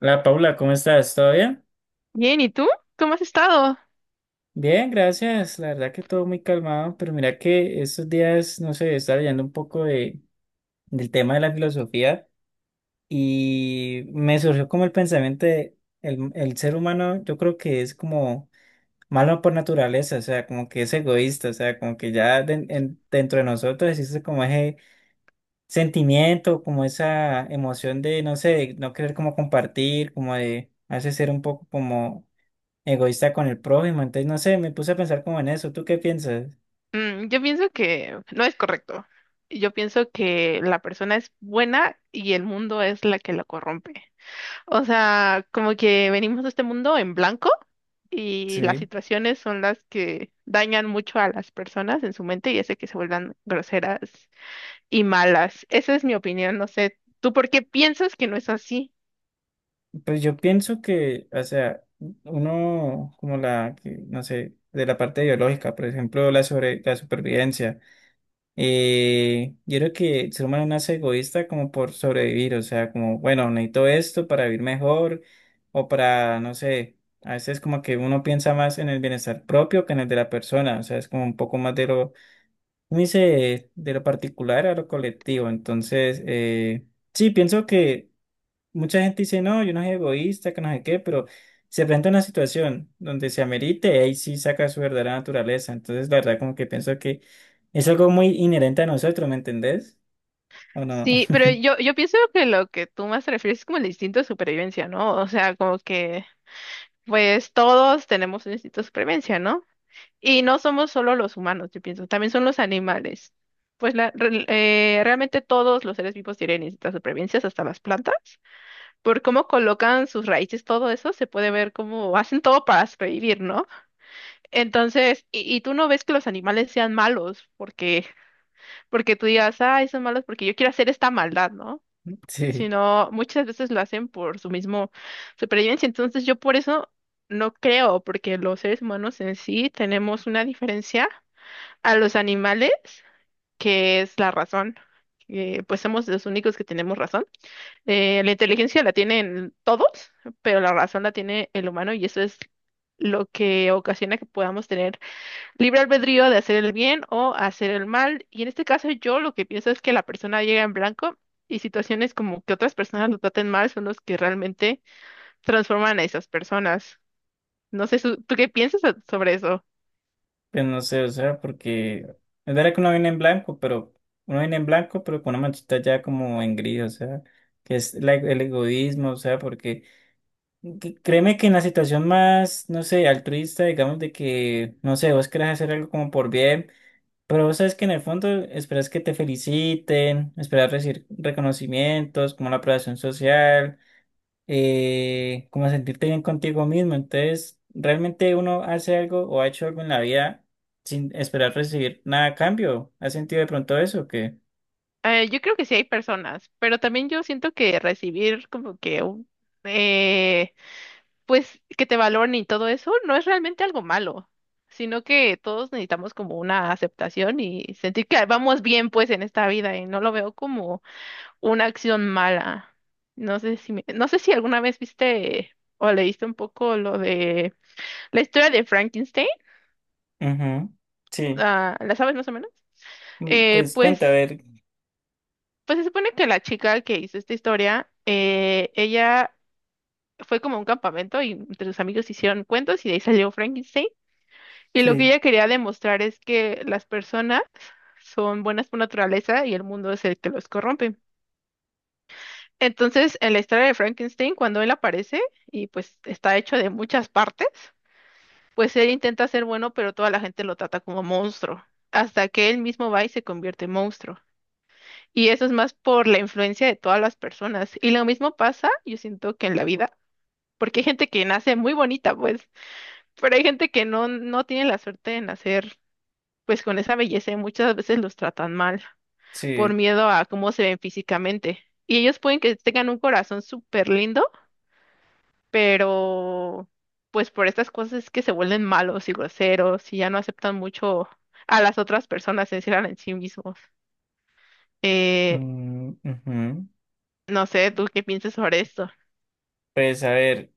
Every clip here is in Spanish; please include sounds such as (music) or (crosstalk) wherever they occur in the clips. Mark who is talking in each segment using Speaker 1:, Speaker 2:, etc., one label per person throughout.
Speaker 1: Hola Paula, ¿cómo estás? ¿Todo bien?
Speaker 2: Bien, ¿y tú? ¿Cómo has estado?
Speaker 1: Bien, gracias. La verdad que todo muy calmado, pero mira que estos días, no sé, estaba leyendo un poco del tema de la filosofía y me surgió como el pensamiento de el ser humano. Yo creo que es como malo por naturaleza, o sea, como que es egoísta, o sea, como que ya dentro de nosotros existe como ese sentimiento, como esa emoción no sé, de no querer como compartir, como de hace ser un poco como egoísta con el prójimo. Entonces, no sé, me puse a pensar como en eso. ¿Tú qué piensas?
Speaker 2: Yo pienso que no es correcto. Yo pienso que la persona es buena y el mundo es la que la corrompe. O sea, como que venimos de este mundo en blanco y las
Speaker 1: Sí,
Speaker 2: situaciones son las que dañan mucho a las personas en su mente y hace que se vuelvan groseras y malas. Esa es mi opinión, no sé. ¿Tú por qué piensas que no es así?
Speaker 1: pues yo pienso que, o sea, uno como no sé, de la parte biológica, por ejemplo, la supervivencia. Yo creo que el ser humano nace egoísta como por sobrevivir, o sea, como, bueno, necesito esto para vivir mejor o para, no sé, a veces como que uno piensa más en el bienestar propio que en el de la persona, o sea, es como un poco más de lo. Me hice de lo particular a lo colectivo. Entonces, sí, pienso que mucha gente dice, no, yo no soy egoísta, que no sé qué, pero se presenta una situación donde se amerite, ahí sí saca su verdadera naturaleza. Entonces la verdad como que pienso que es algo muy inherente a nosotros. ¿Me entendés? ¿O no?
Speaker 2: Sí, pero
Speaker 1: (laughs)
Speaker 2: yo pienso que lo que tú más te refieres es como el instinto de supervivencia, ¿no? O sea, como que. Pues todos tenemos un instinto de supervivencia, ¿no? Y no somos solo los humanos, yo pienso, también son los animales. Pues realmente todos los seres vivos tienen instintos de supervivencia, hasta las plantas. Por cómo colocan sus raíces, todo eso, se puede ver cómo hacen todo para sobrevivir, ¿no? Entonces, y tú no ves que los animales sean malos, porque tú digas, ay, son malos porque yo quiero hacer esta maldad, ¿no?
Speaker 1: Sí,
Speaker 2: Sino muchas veces lo hacen por su mismo supervivencia. Entonces yo por eso no creo, porque los seres humanos en sí tenemos una diferencia a los animales, que es la razón. Que, pues somos los únicos que tenemos razón. La inteligencia la tienen todos, pero la razón la tiene el humano y eso es lo que ocasiona que podamos tener libre albedrío de hacer el bien o hacer el mal. Y en este caso yo lo que pienso es que la persona llega en blanco y situaciones como que otras personas lo traten mal son los que realmente transforman a esas personas. No sé, ¿tú qué piensas sobre eso?
Speaker 1: pues no sé, o sea, porque es verdad que uno viene en blanco, pero uno viene en blanco, pero con una manchita ya como en gris, o sea, que es el egoísmo, o sea, porque... Créeme que en la situación más, no sé, altruista, digamos, de que, no sé, vos querés hacer algo como por bien, pero vos sabes que en el fondo esperas que te feliciten, esperas recibir reconocimientos, como la aprobación social, como sentirte bien contigo mismo. Entonces, realmente uno hace algo o ha hecho algo en la vida sin esperar recibir nada a cambio. ¿Has sentido de pronto eso o qué?
Speaker 2: Yo creo que sí hay personas, pero también yo siento que recibir como que un, eh, pues que te valoren y todo eso no es realmente algo malo, sino que todos necesitamos como una aceptación y sentir que vamos bien pues en esta vida y no lo veo como una acción mala. No sé si alguna vez viste o leíste un poco lo de la historia de Frankenstein.
Speaker 1: Ujú. Sí.
Speaker 2: Ah, ¿la sabes más o menos?
Speaker 1: Mm,
Speaker 2: Eh,
Speaker 1: pues cuenta, a
Speaker 2: pues,
Speaker 1: ver.
Speaker 2: pues se supone que la chica que hizo esta historia, ella fue como a un campamento y entre sus amigos hicieron cuentos y de ahí salió Frankenstein. Y lo que
Speaker 1: Sí,
Speaker 2: ella quería demostrar es que las personas son buenas por naturaleza y el mundo es el que los corrompe. Entonces, en la historia de Frankenstein, cuando él aparece y pues está hecho de muchas partes, pues él intenta ser bueno, pero toda la gente lo trata como monstruo, hasta que él mismo va y se convierte en monstruo. Y eso es más por la influencia de todas las personas. Y lo mismo pasa, yo siento que en la vida, porque hay gente que nace muy bonita, pues, pero hay gente que no, no tiene la suerte de nacer, pues, con esa belleza y muchas veces los tratan mal por
Speaker 1: sí.
Speaker 2: miedo a cómo se ven físicamente. Y ellos pueden que tengan un corazón súper lindo, pero pues por estas cosas es que se vuelven malos y groseros y ya no aceptan mucho a las otras personas, se encierran en sí mismos. Eh,
Speaker 1: Mm, ujú.
Speaker 2: no sé, ¿tú qué piensas sobre esto?
Speaker 1: Pues a ver,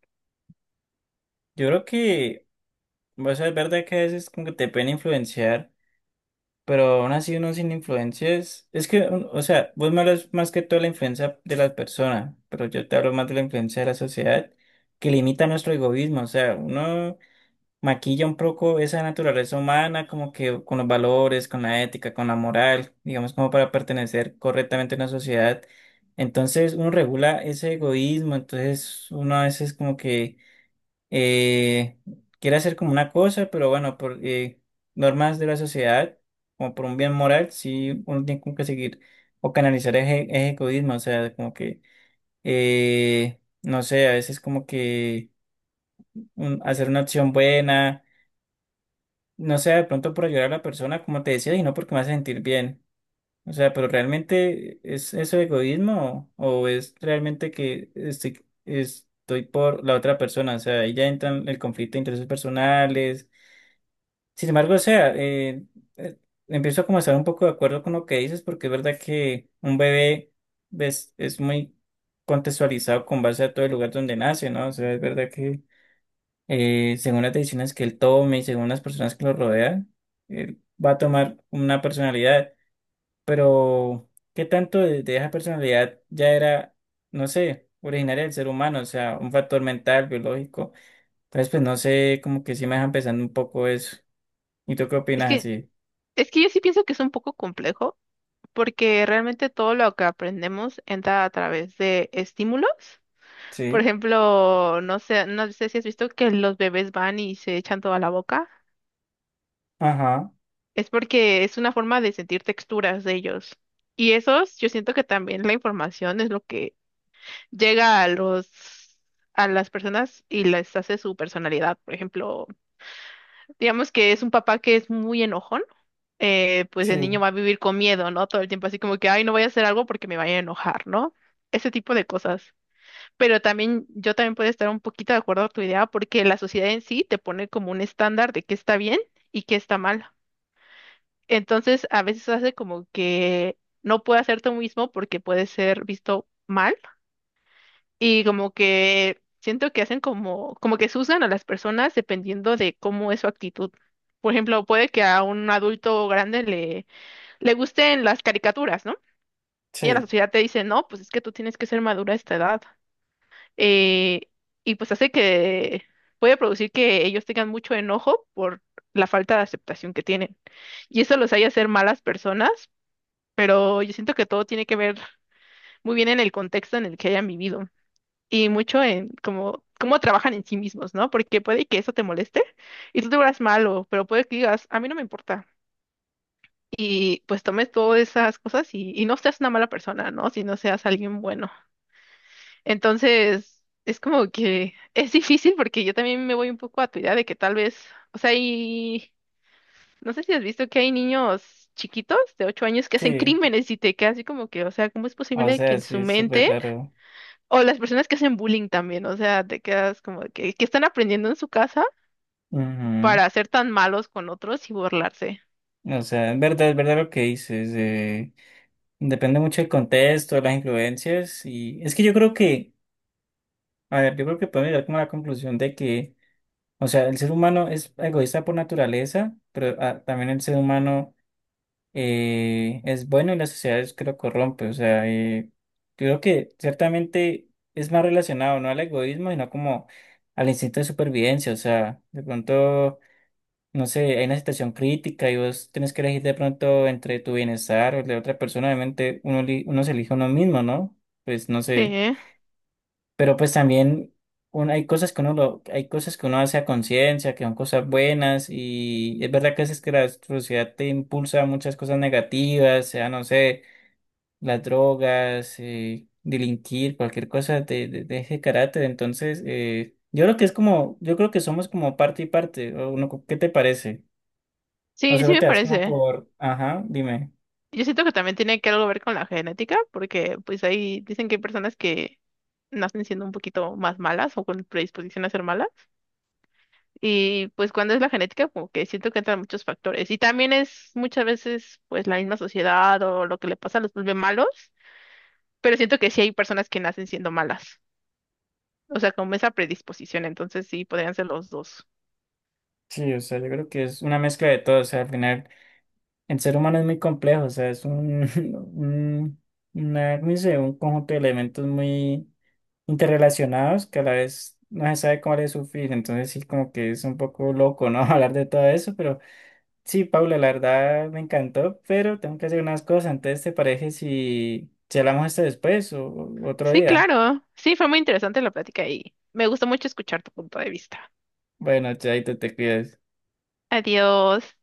Speaker 1: yo creo que, o sea, es verdad que a veces como que te pueden influenciar, pero aún así uno sin influencias, es que, o sea, vos me hablas más que todo la influencia de las personas, pero yo te hablo más de la influencia de la sociedad que limita nuestro egoísmo, o sea, uno maquilla un poco esa naturaleza humana como que con los valores, con la ética, con la moral, digamos como para pertenecer correctamente a una sociedad. Entonces uno regula ese egoísmo. Entonces uno a veces como que eh, quiere hacer como una cosa, pero bueno, por normas de la sociedad, como por un bien moral, sí uno tiene como que seguir o canalizar ese egoísmo, o sea, como que, no sé, a veces como que hacer una acción buena, no sé, de pronto por ayudar a la persona, como te decía, y no porque me hace sentir bien. O sea, pero realmente es eso egoísmo o es realmente que estoy por la otra persona. O sea, ahí ya entran el conflicto de intereses personales. Sin embargo, o sea, eh, empiezo como a estar un poco de acuerdo con lo que dices, porque es verdad que un bebé ves, es muy contextualizado con base a todo el lugar donde nace, ¿no? O sea, es verdad que según las decisiones que él tome y según las personas que lo rodean, él va a tomar una personalidad, pero ¿qué tanto de esa personalidad ya era, no sé, originaria del ser humano? O sea, un factor mental, biológico. Entonces, pues no sé, como que sí me deja pensando un poco eso. ¿Y tú qué
Speaker 2: Es
Speaker 1: opinas
Speaker 2: que,
Speaker 1: así?
Speaker 2: es que yo sí pienso que es un poco complejo porque realmente todo lo que aprendemos entra a través de estímulos. Por
Speaker 1: Sí.
Speaker 2: ejemplo, no sé si has visto que los bebés van y se echan toda la boca.
Speaker 1: Ajá.
Speaker 2: Es porque es una forma de sentir texturas de ellos. Y esos, yo siento que también la información es lo que llega a las personas y les hace su personalidad. Por ejemplo, digamos que es un papá que es muy enojón, pues
Speaker 1: Sí,
Speaker 2: el niño va a vivir con miedo, ¿no? Todo el tiempo así como que, ay, no voy a hacer algo porque me vaya a enojar, ¿no? Ese tipo de cosas. Pero también yo también puedo estar un poquito de acuerdo a tu idea porque la sociedad en sí te pone como un estándar de qué está bien y qué está mal. Entonces, a veces hace como que no puedes hacer tú mismo porque puede ser visto mal. Y como que siento que hacen como que juzgan a las personas dependiendo de cómo es su actitud. Por ejemplo, puede que a un adulto grande le gusten las caricaturas, ¿no? Y a la
Speaker 1: sí,
Speaker 2: sociedad te dice, no, pues es que tú tienes que ser madura a esta edad. Eh, y pues hace que puede producir que ellos tengan mucho enojo por la falta de aceptación que tienen. Y eso los hace hacer malas personas, pero yo siento que todo tiene que ver muy bien en el contexto en el que hayan vivido y mucho en cómo trabajan en sí mismos, ¿no? Porque puede que eso te moleste y tú te veas malo, pero puede que digas, a mí no me importa. Y pues tomes todas esas cosas y, no seas una mala persona, ¿no? Si no seas alguien bueno. Entonces, es como que (laughs) es difícil porque yo también me voy un poco a tu idea de que tal vez, o sea, y no sé si has visto que hay niños chiquitos de 8 años que hacen
Speaker 1: sí.
Speaker 2: crímenes y te quedas así como que, o sea, ¿cómo es
Speaker 1: O
Speaker 2: posible que
Speaker 1: sea,
Speaker 2: en
Speaker 1: sí,
Speaker 2: su
Speaker 1: es súper
Speaker 2: mente?
Speaker 1: raro.
Speaker 2: O las personas que hacen bullying también, o sea, te quedas como de que están aprendiendo en su casa
Speaker 1: Ujú.
Speaker 2: para ser tan malos con otros y burlarse.
Speaker 1: O sea, es verdad lo que dices. Depende mucho del contexto, de las influencias. Y es que yo creo que, a ver, yo creo que podemos llegar como a la conclusión de que, o sea, el ser humano es egoísta por naturaleza, pero ah, también el ser humano. Es bueno y la sociedad es que lo corrompe. O sea, creo que ciertamente es más relacionado no al egoísmo, sino como al instinto de supervivencia. O sea, de pronto, no sé, hay una situación crítica y vos tenés que elegir de pronto entre tu bienestar o el de otra persona. Obviamente, uno, uno se elige a uno mismo, ¿no? Pues no sé.
Speaker 2: Sí,
Speaker 1: Pero pues también hay cosas que uno lo, hay cosas que uno hace a conciencia, que son cosas buenas, y es verdad que a veces que la sociedad te impulsa a muchas cosas negativas, sea, no sé, las drogas, delinquir, cualquier cosa de ese carácter. Entonces, yo creo que es como, yo creo que somos como parte y parte. ¿O qué te parece? O
Speaker 2: sí, sí
Speaker 1: solo
Speaker 2: me
Speaker 1: te das como
Speaker 2: parece.
Speaker 1: por, ajá, dime.
Speaker 2: Yo siento que también tiene que algo ver con la genética, porque pues ahí dicen que hay personas que nacen siendo un poquito más malas o con predisposición a ser malas. Y pues cuando es la genética, como que siento que entran muchos factores. Y también es muchas veces pues la misma sociedad o lo que le pasa los vuelve malos, pero siento que sí hay personas que nacen siendo malas. O sea, como esa predisposición, entonces sí, podrían ser los dos.
Speaker 1: Sí, o sea, yo creo que es una mezcla de todo, o sea, al final. El ser humano es muy complejo, o sea, es un, (laughs) un, no sé, un conjunto de elementos muy interrelacionados que a la vez no se sabe cómo le sufrir. Entonces sí, como que es un poco loco, ¿no? (laughs) Hablar de todo eso, pero sí, Paula, la verdad me encantó, pero tengo que hacer unas cosas. Entonces ¿te parece si, si hablamos esto después o otro
Speaker 2: Sí,
Speaker 1: día?
Speaker 2: claro, sí, fue muy interesante la plática y me gustó mucho escuchar tu punto de vista.
Speaker 1: Bueno, chaito, te cuidas.
Speaker 2: Adiós.